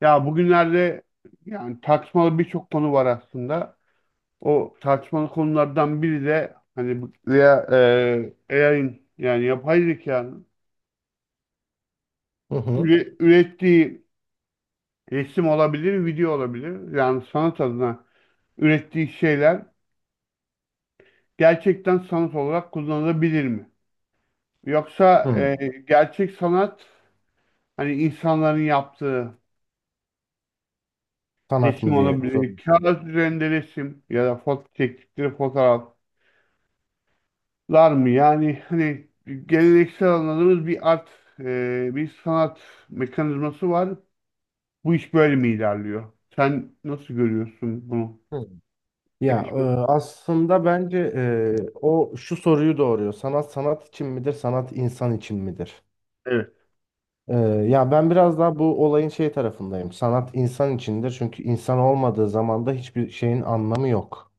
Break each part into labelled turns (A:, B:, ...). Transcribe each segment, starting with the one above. A: Ya bugünlerde yani tartışmalı birçok konu var aslında. O tartışmalı konulardan biri de hani bu ya, AI'ın yani yapay zekanın
B: Hı hı.
A: ürettiği resim olabilir, video olabilir. Yani sanat adına ürettiği şeyler gerçekten sanat olarak kullanılabilir mi? Yoksa
B: Hı.
A: gerçek sanat hani insanların yaptığı
B: Sanat
A: resim
B: mı diye
A: olabilir,
B: soruyorsun.
A: kağıt üzerinde resim ya da foto çektikleri fotoğraf lar mı? Yani hani geleneksel anladığımız bir sanat mekanizması var. Bu iş böyle mi ilerliyor? Sen nasıl görüyorsun bunu?
B: Hı. Ya
A: Geçme.
B: aslında bence o şu soruyu doğuruyor. Sanat sanat için midir? Sanat insan için midir?
A: Evet.
B: E, ya ben biraz daha bu olayın şey tarafındayım. Sanat insan içindir. Çünkü insan olmadığı zaman da hiçbir şeyin anlamı yok.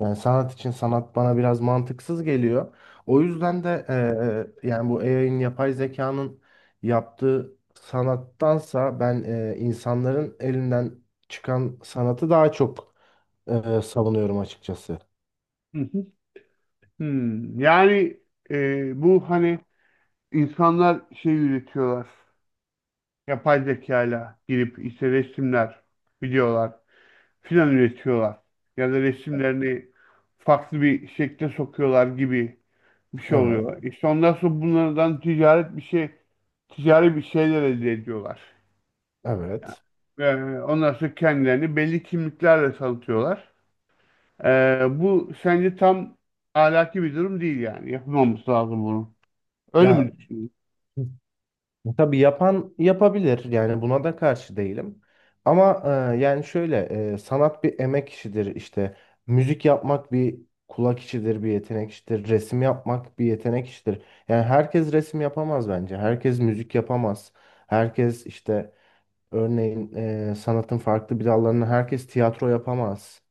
B: Yani sanat için sanat bana biraz mantıksız geliyor. O yüzden de yani bu AI'nin yapay zekanın yaptığı sanattansa ben insanların elinden çıkan sanatı daha çok savunuyorum açıkçası.
A: Hı hı. Hmm. Yani bu hani insanlar şey üretiyorlar. Yapay zekayla girip işte resimler, videolar filan üretiyorlar. Ya da resimlerini farklı bir şekle sokuyorlar gibi bir şey
B: Evet,
A: oluyor. İşte ondan sonra bunlardan ticaret bir şey ticari bir şeyler elde ediyorlar.
B: evet.
A: Yani, ondan sonra kendilerini belli kimliklerle satıyorlar. Bu sence tam ahlaki bir durum değil yani. Yapmamız lazım bunu. Öyle
B: Ya
A: mi düşünüyorsun?
B: tabii yapan yapabilir yani buna da karşı değilim. Ama yani şöyle sanat bir emek işidir, işte müzik yapmak bir kulak işidir, bir yetenek işidir, resim yapmak bir yetenek işidir. Yani herkes resim yapamaz bence, herkes müzik yapamaz, herkes işte örneğin sanatın farklı bir dallarını, herkes tiyatro yapamaz.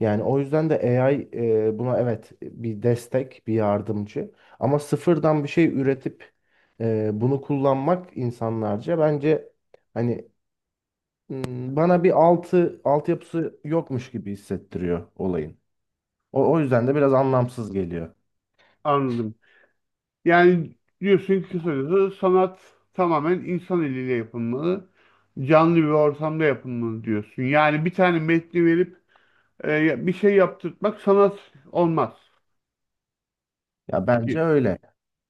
B: Yani o yüzden de AI buna evet bir destek, bir yardımcı ama sıfırdan bir şey üretip bunu kullanmak insanlarca bence, hani, bana bir altyapısı yokmuş gibi hissettiriyor olayın. O yüzden de biraz anlamsız geliyor.
A: Anladım. Yani diyorsun ki kısacası sanat tamamen insan eliyle yapılmalı. Canlı bir ortamda yapılmalı diyorsun. Yani bir tane metni verip bir şey yaptırtmak sanat olmaz
B: Ya
A: ki.
B: bence öyle.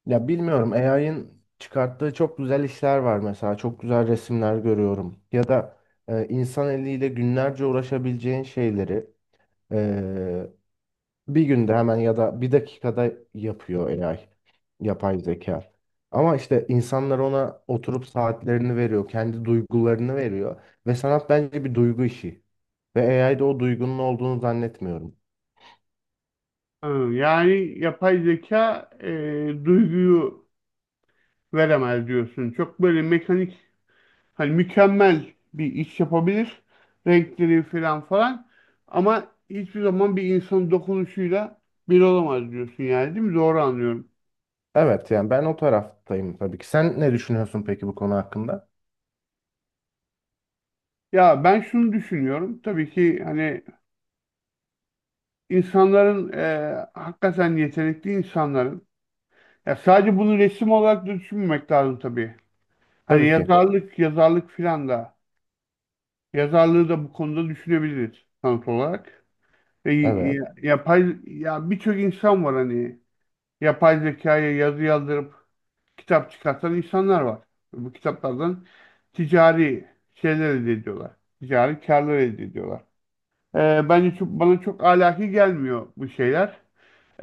B: Ya bilmiyorum, AI'ın çıkarttığı çok güzel işler var mesela. Çok güzel resimler görüyorum. Ya da insan eliyle günlerce uğraşabileceğin şeyleri bir günde hemen ya da bir dakikada yapıyor AI, yapay zeka. Ama işte insanlar ona oturup saatlerini veriyor, kendi duygularını veriyor. Ve sanat bence bir duygu işi. Ve AI'de o duygunun olduğunu zannetmiyorum.
A: Ha, yani yapay zeka duyguyu veremez diyorsun. Çok böyle mekanik hani mükemmel bir iş yapabilir. Renkleri falan falan. Ama hiçbir zaman bir insanın dokunuşuyla bir olamaz diyorsun yani değil mi? Doğru anlıyorum.
B: Evet, yani ben o taraftayım tabii ki. Sen ne düşünüyorsun peki bu konu hakkında?
A: Ya ben şunu düşünüyorum. Tabii ki hani insanların hakikaten yetenekli insanların ya sadece bunu resim olarak da düşünmemek lazım tabii. Hani
B: Tabii ki.
A: yazarlık yazarlık filan da yazarlığı da bu konuda düşünebiliriz sanat olarak. E,
B: Evet.
A: ya- yapay ya birçok insan var hani yapay zekaya yazı yazdırıp kitap çıkartan insanlar var. Bu kitaplardan ticari şeyler elde ediyorlar. Ticari karlar elde ediyorlar. Bana çok ahlaki gelmiyor bu şeyler.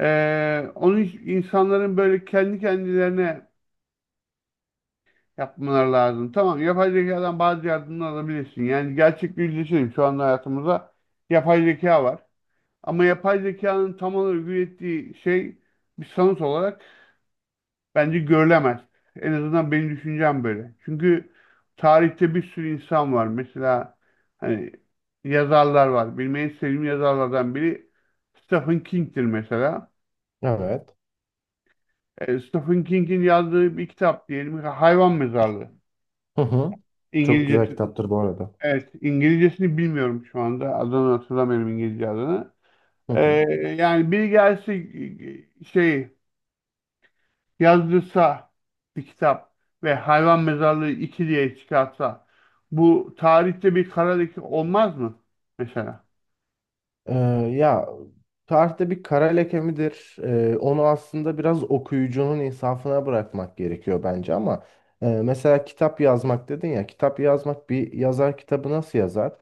A: E, onu hiç- insanların böyle kendi kendilerine yapmaları lazım. Tamam yapay zekadan bazı yardımlar alabilirsin. Yani gerçek bir yüzleşelim. Şu anda hayatımızda yapay zeka var. Ama yapay zekanın tam olarak ürettiği şey bir sanat olarak bence görülemez. En azından benim düşüncem böyle. Çünkü tarihte bir sürü insan var. Mesela hani yazarlar var. Benim en sevdiğim yazarlardan biri Stephen King'tir mesela.
B: Evet.
A: Stephen King'in yazdığı bir kitap diyelim ki Hayvan Mezarlığı.
B: Hı hı. Çok güzel
A: İngilizcesi,
B: kitaptır bu arada.
A: evet İngilizcesini bilmiyorum şu anda. Adını hatırlamıyorum İngilizce adını.
B: Hı
A: E,
B: hı.
A: Yani biri gelse şey yazdırsa bir kitap ve Hayvan Mezarlığı 2 diye çıkarsa bu tarihte bir kara leke olmaz mı mesela?
B: Ee, ya tarihte bir kara leke midir? Onu aslında biraz okuyucunun insafına bırakmak gerekiyor bence ama mesela kitap yazmak dedin ya, kitap yazmak, bir yazar kitabı nasıl yazar?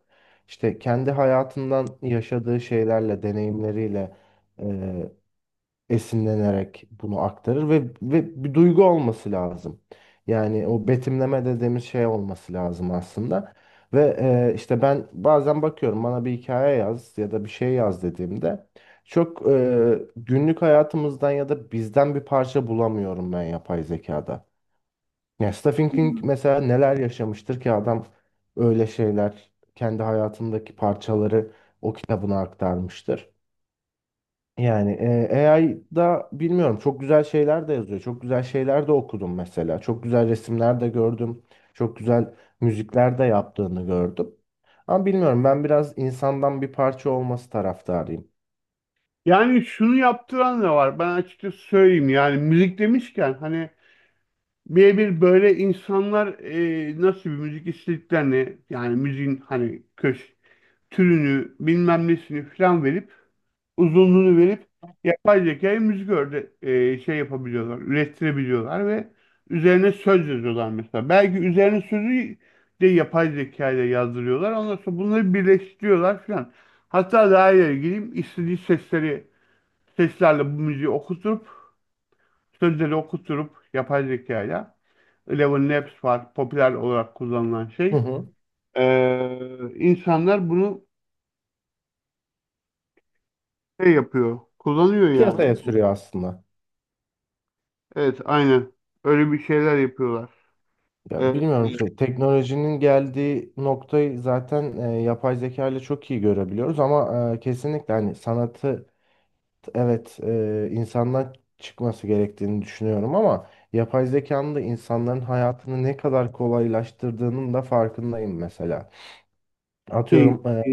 B: İşte kendi hayatından, yaşadığı şeylerle, deneyimleriyle e, esinlenerek bunu aktarır ve bir duygu olması lazım. Yani o betimleme dediğimiz şey olması lazım aslında. Ve işte ben bazen bakıyorum, bana bir hikaye yaz ya da bir şey yaz dediğimde, çok günlük hayatımızdan ya da bizden bir parça bulamıyorum ben yapay zekada. Ya Stephen King
A: Hmm.
B: mesela neler yaşamıştır ki adam, öyle şeyler, kendi hayatındaki parçaları o kitabına aktarmıştır. Yani AI'da bilmiyorum, çok güzel şeyler de yazıyor. Çok güzel şeyler de okudum mesela. Çok güzel resimler de gördüm. Çok güzel müzikler de yaptığını gördüm. Ama bilmiyorum, ben biraz insandan bir parça olması taraftarıyım.
A: Yani şunu yaptıran da var. Ben açıkçası söyleyeyim yani müzik demişken hani birebir böyle insanlar nasıl bir müzik istediklerini yani müziğin hani türünü bilmem nesini falan verip uzunluğunu verip yapay zekaya müzik şey yapabiliyorlar, ürettirebiliyorlar ve üzerine söz yazıyorlar mesela. Belki üzerine sözü de yapay zeka ile yazdırıyorlar. Ondan sonra bunları birleştiriyorlar falan. Hatta daha ileri gideyim istediği seslerle bu müziği okutup sözleri okutup yapay zekayla Eleven Labs var popüler olarak kullanılan
B: Hı
A: şey.
B: hı.
A: Ee, insanlar bunu şey yapıyor, kullanıyor yani.
B: Piyasaya sürüyor aslında.
A: Evet, aynen. Öyle bir şeyler yapıyorlar.
B: Ya
A: Ee,
B: bilmiyorum şey, teknolojinin geldiği noktayı zaten yapay zeka ile çok iyi görebiliyoruz ama kesinlikle hani sanatı evet, insandan çıkması gerektiğini düşünüyorum ama yapay zekanın da insanların hayatını ne kadar kolaylaştırdığının da farkındayım mesela.
A: şey,
B: Atıyorum,
A: e,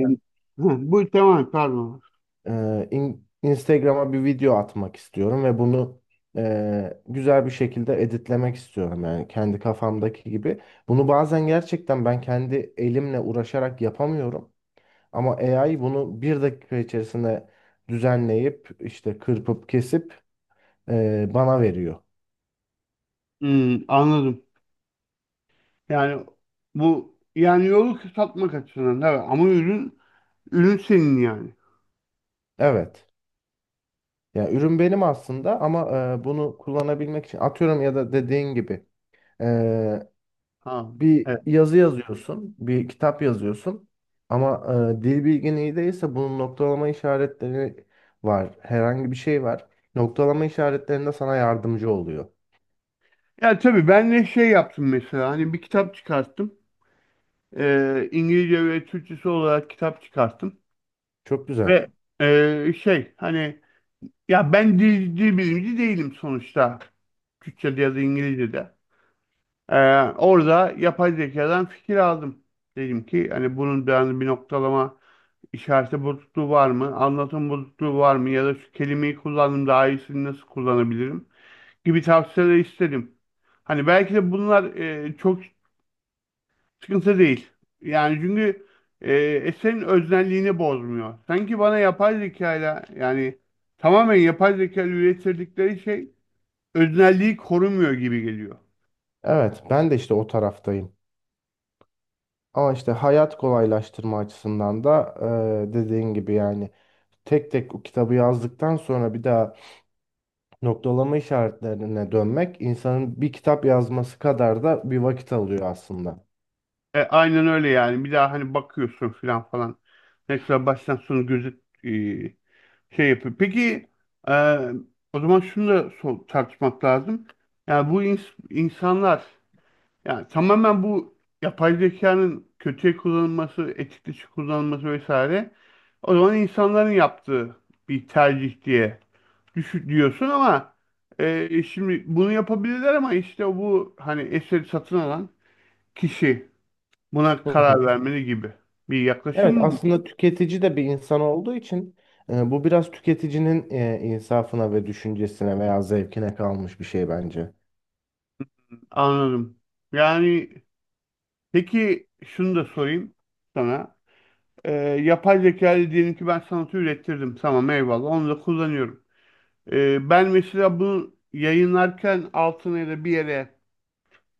A: hı, bu tamam, pardon.
B: Instagram'a bir video atmak istiyorum ve bunu güzel bir şekilde editlemek istiyorum yani kendi kafamdaki gibi. Bunu bazen gerçekten ben kendi elimle uğraşarak yapamıyorum ama AI bunu bir dakika içerisinde düzenleyip işte kırpıp kesip bana veriyor.
A: Hmm, anladım. Yani bu yani yolu kısaltmak açısından evet ama ürün senin yani.
B: Evet. Ya ürün benim aslında ama bunu kullanabilmek için atıyorum ya da dediğin gibi e,
A: Ha,
B: bir
A: evet.
B: yazı yazıyorsun, bir kitap yazıyorsun ama dil bilgin iyi değilse bunun noktalama işaretleri var, herhangi bir şey var. Noktalama işaretlerinde sana yardımcı oluyor.
A: Ya tabii ben de şey yaptım mesela hani bir kitap çıkarttım. İngilizce ve Türkçesi olarak kitap çıkarttım.
B: Çok güzel.
A: Ve şey hani ya ben dil bilimci değilim sonuçta. Türkçe'de ya da İngilizce'de. Orada yapay zekadan fikir aldım. Dedim ki hani bunun hani bir noktalama işareti bozukluğu var mı? Anlatım bozukluğu var mı? Ya da şu kelimeyi kullandım daha iyisini nasıl kullanabilirim? Gibi tavsiyeler istedim. Hani belki de bunlar çok sıkıntı değil. Yani çünkü eserin öznelliğini bozmuyor. Sanki bana yapay zekayla yani tamamen yapay zeka ile ürettirdikleri şey öznelliği korumuyor gibi geliyor.
B: Evet, ben de işte o taraftayım. Ama işte hayat kolaylaştırma açısından da dediğin gibi yani tek tek o kitabı yazdıktan sonra bir daha noktalama işaretlerine dönmek, insanın bir kitap yazması kadar da bir vakit alıyor aslında.
A: Aynen öyle yani. Bir daha hani bakıyorsun filan falan. Ne kadar baştan sona şey yapıyor. Peki e, o zaman şunu da tartışmak lazım. Yani bu insanlar yani tamamen bu yapay zekanın kötüye kullanılması, etik dışı kullanılması vesaire o zaman insanların yaptığı bir tercih diye düşün diyorsun ama şimdi bunu yapabilirler ama işte bu hani eseri satın alan kişi buna
B: Hı hı.
A: karar vermeli gibi bir
B: Evet,
A: yaklaşım.
B: aslında tüketici de bir insan olduğu için bu biraz tüketicinin insafına ve düşüncesine veya zevkine kalmış bir şey bence.
A: Anladım. Yani peki şunu da sorayım sana. Ee, yapay zeka ile diyelim ki ben sanatı ürettirdim. Tamam eyvallah onu da kullanıyorum. Ben mesela bunu yayınlarken altına ya da bir yere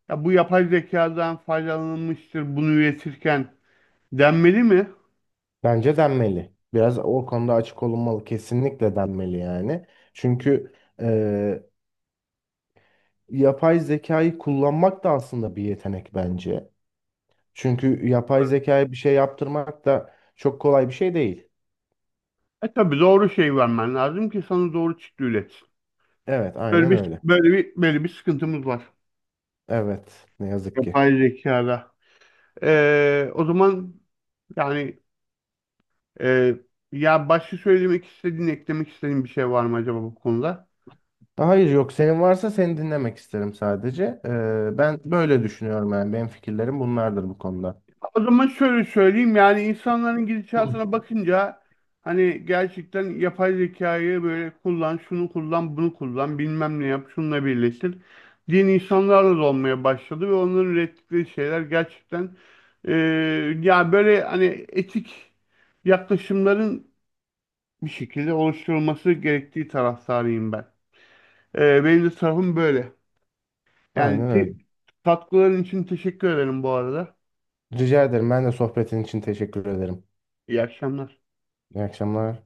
A: ya bu yapay zekadan faydalanılmıştır bunu üretirken denmeli mi?
B: Bence denmeli. Biraz o konuda açık olunmalı. Kesinlikle denmeli yani. Çünkü e, yapay zekayı kullanmak da aslında bir yetenek bence. Çünkü yapay zekaya bir şey yaptırmak da çok kolay bir şey değil.
A: E, tabii doğru şey vermen lazım ki sana doğru çıktı üret.
B: Evet,
A: Böyle
B: aynen
A: bir
B: öyle.
A: böyle bir böyle bir sıkıntımız var
B: Evet, ne yazık ki.
A: yapay zekada. O zaman yani, e, ya başka söylemek istediğin, eklemek istediğin bir şey var mı acaba bu konuda?
B: Hayır yok, senin varsa seni dinlemek isterim sadece. Ben böyle düşünüyorum yani. Benim fikirlerim bunlardır bu konuda.
A: O zaman şöyle söyleyeyim yani insanların gidişatına bakınca hani gerçekten yapay zekayı böyle kullan, şunu kullan, bunu kullan, bilmem ne yap, şununla birleştir diyen insanlarla da olmaya başladı ve onların ürettikleri şeyler gerçekten e, ya böyle hani etik yaklaşımların bir şekilde oluşturulması gerektiği taraftarıyım ben. Benim de tarafım böyle. Yani
B: Aynen öyle.
A: katkıların için teşekkür ederim bu arada.
B: Rica ederim. Ben de sohbetin için teşekkür ederim.
A: İyi akşamlar.
B: İyi akşamlar.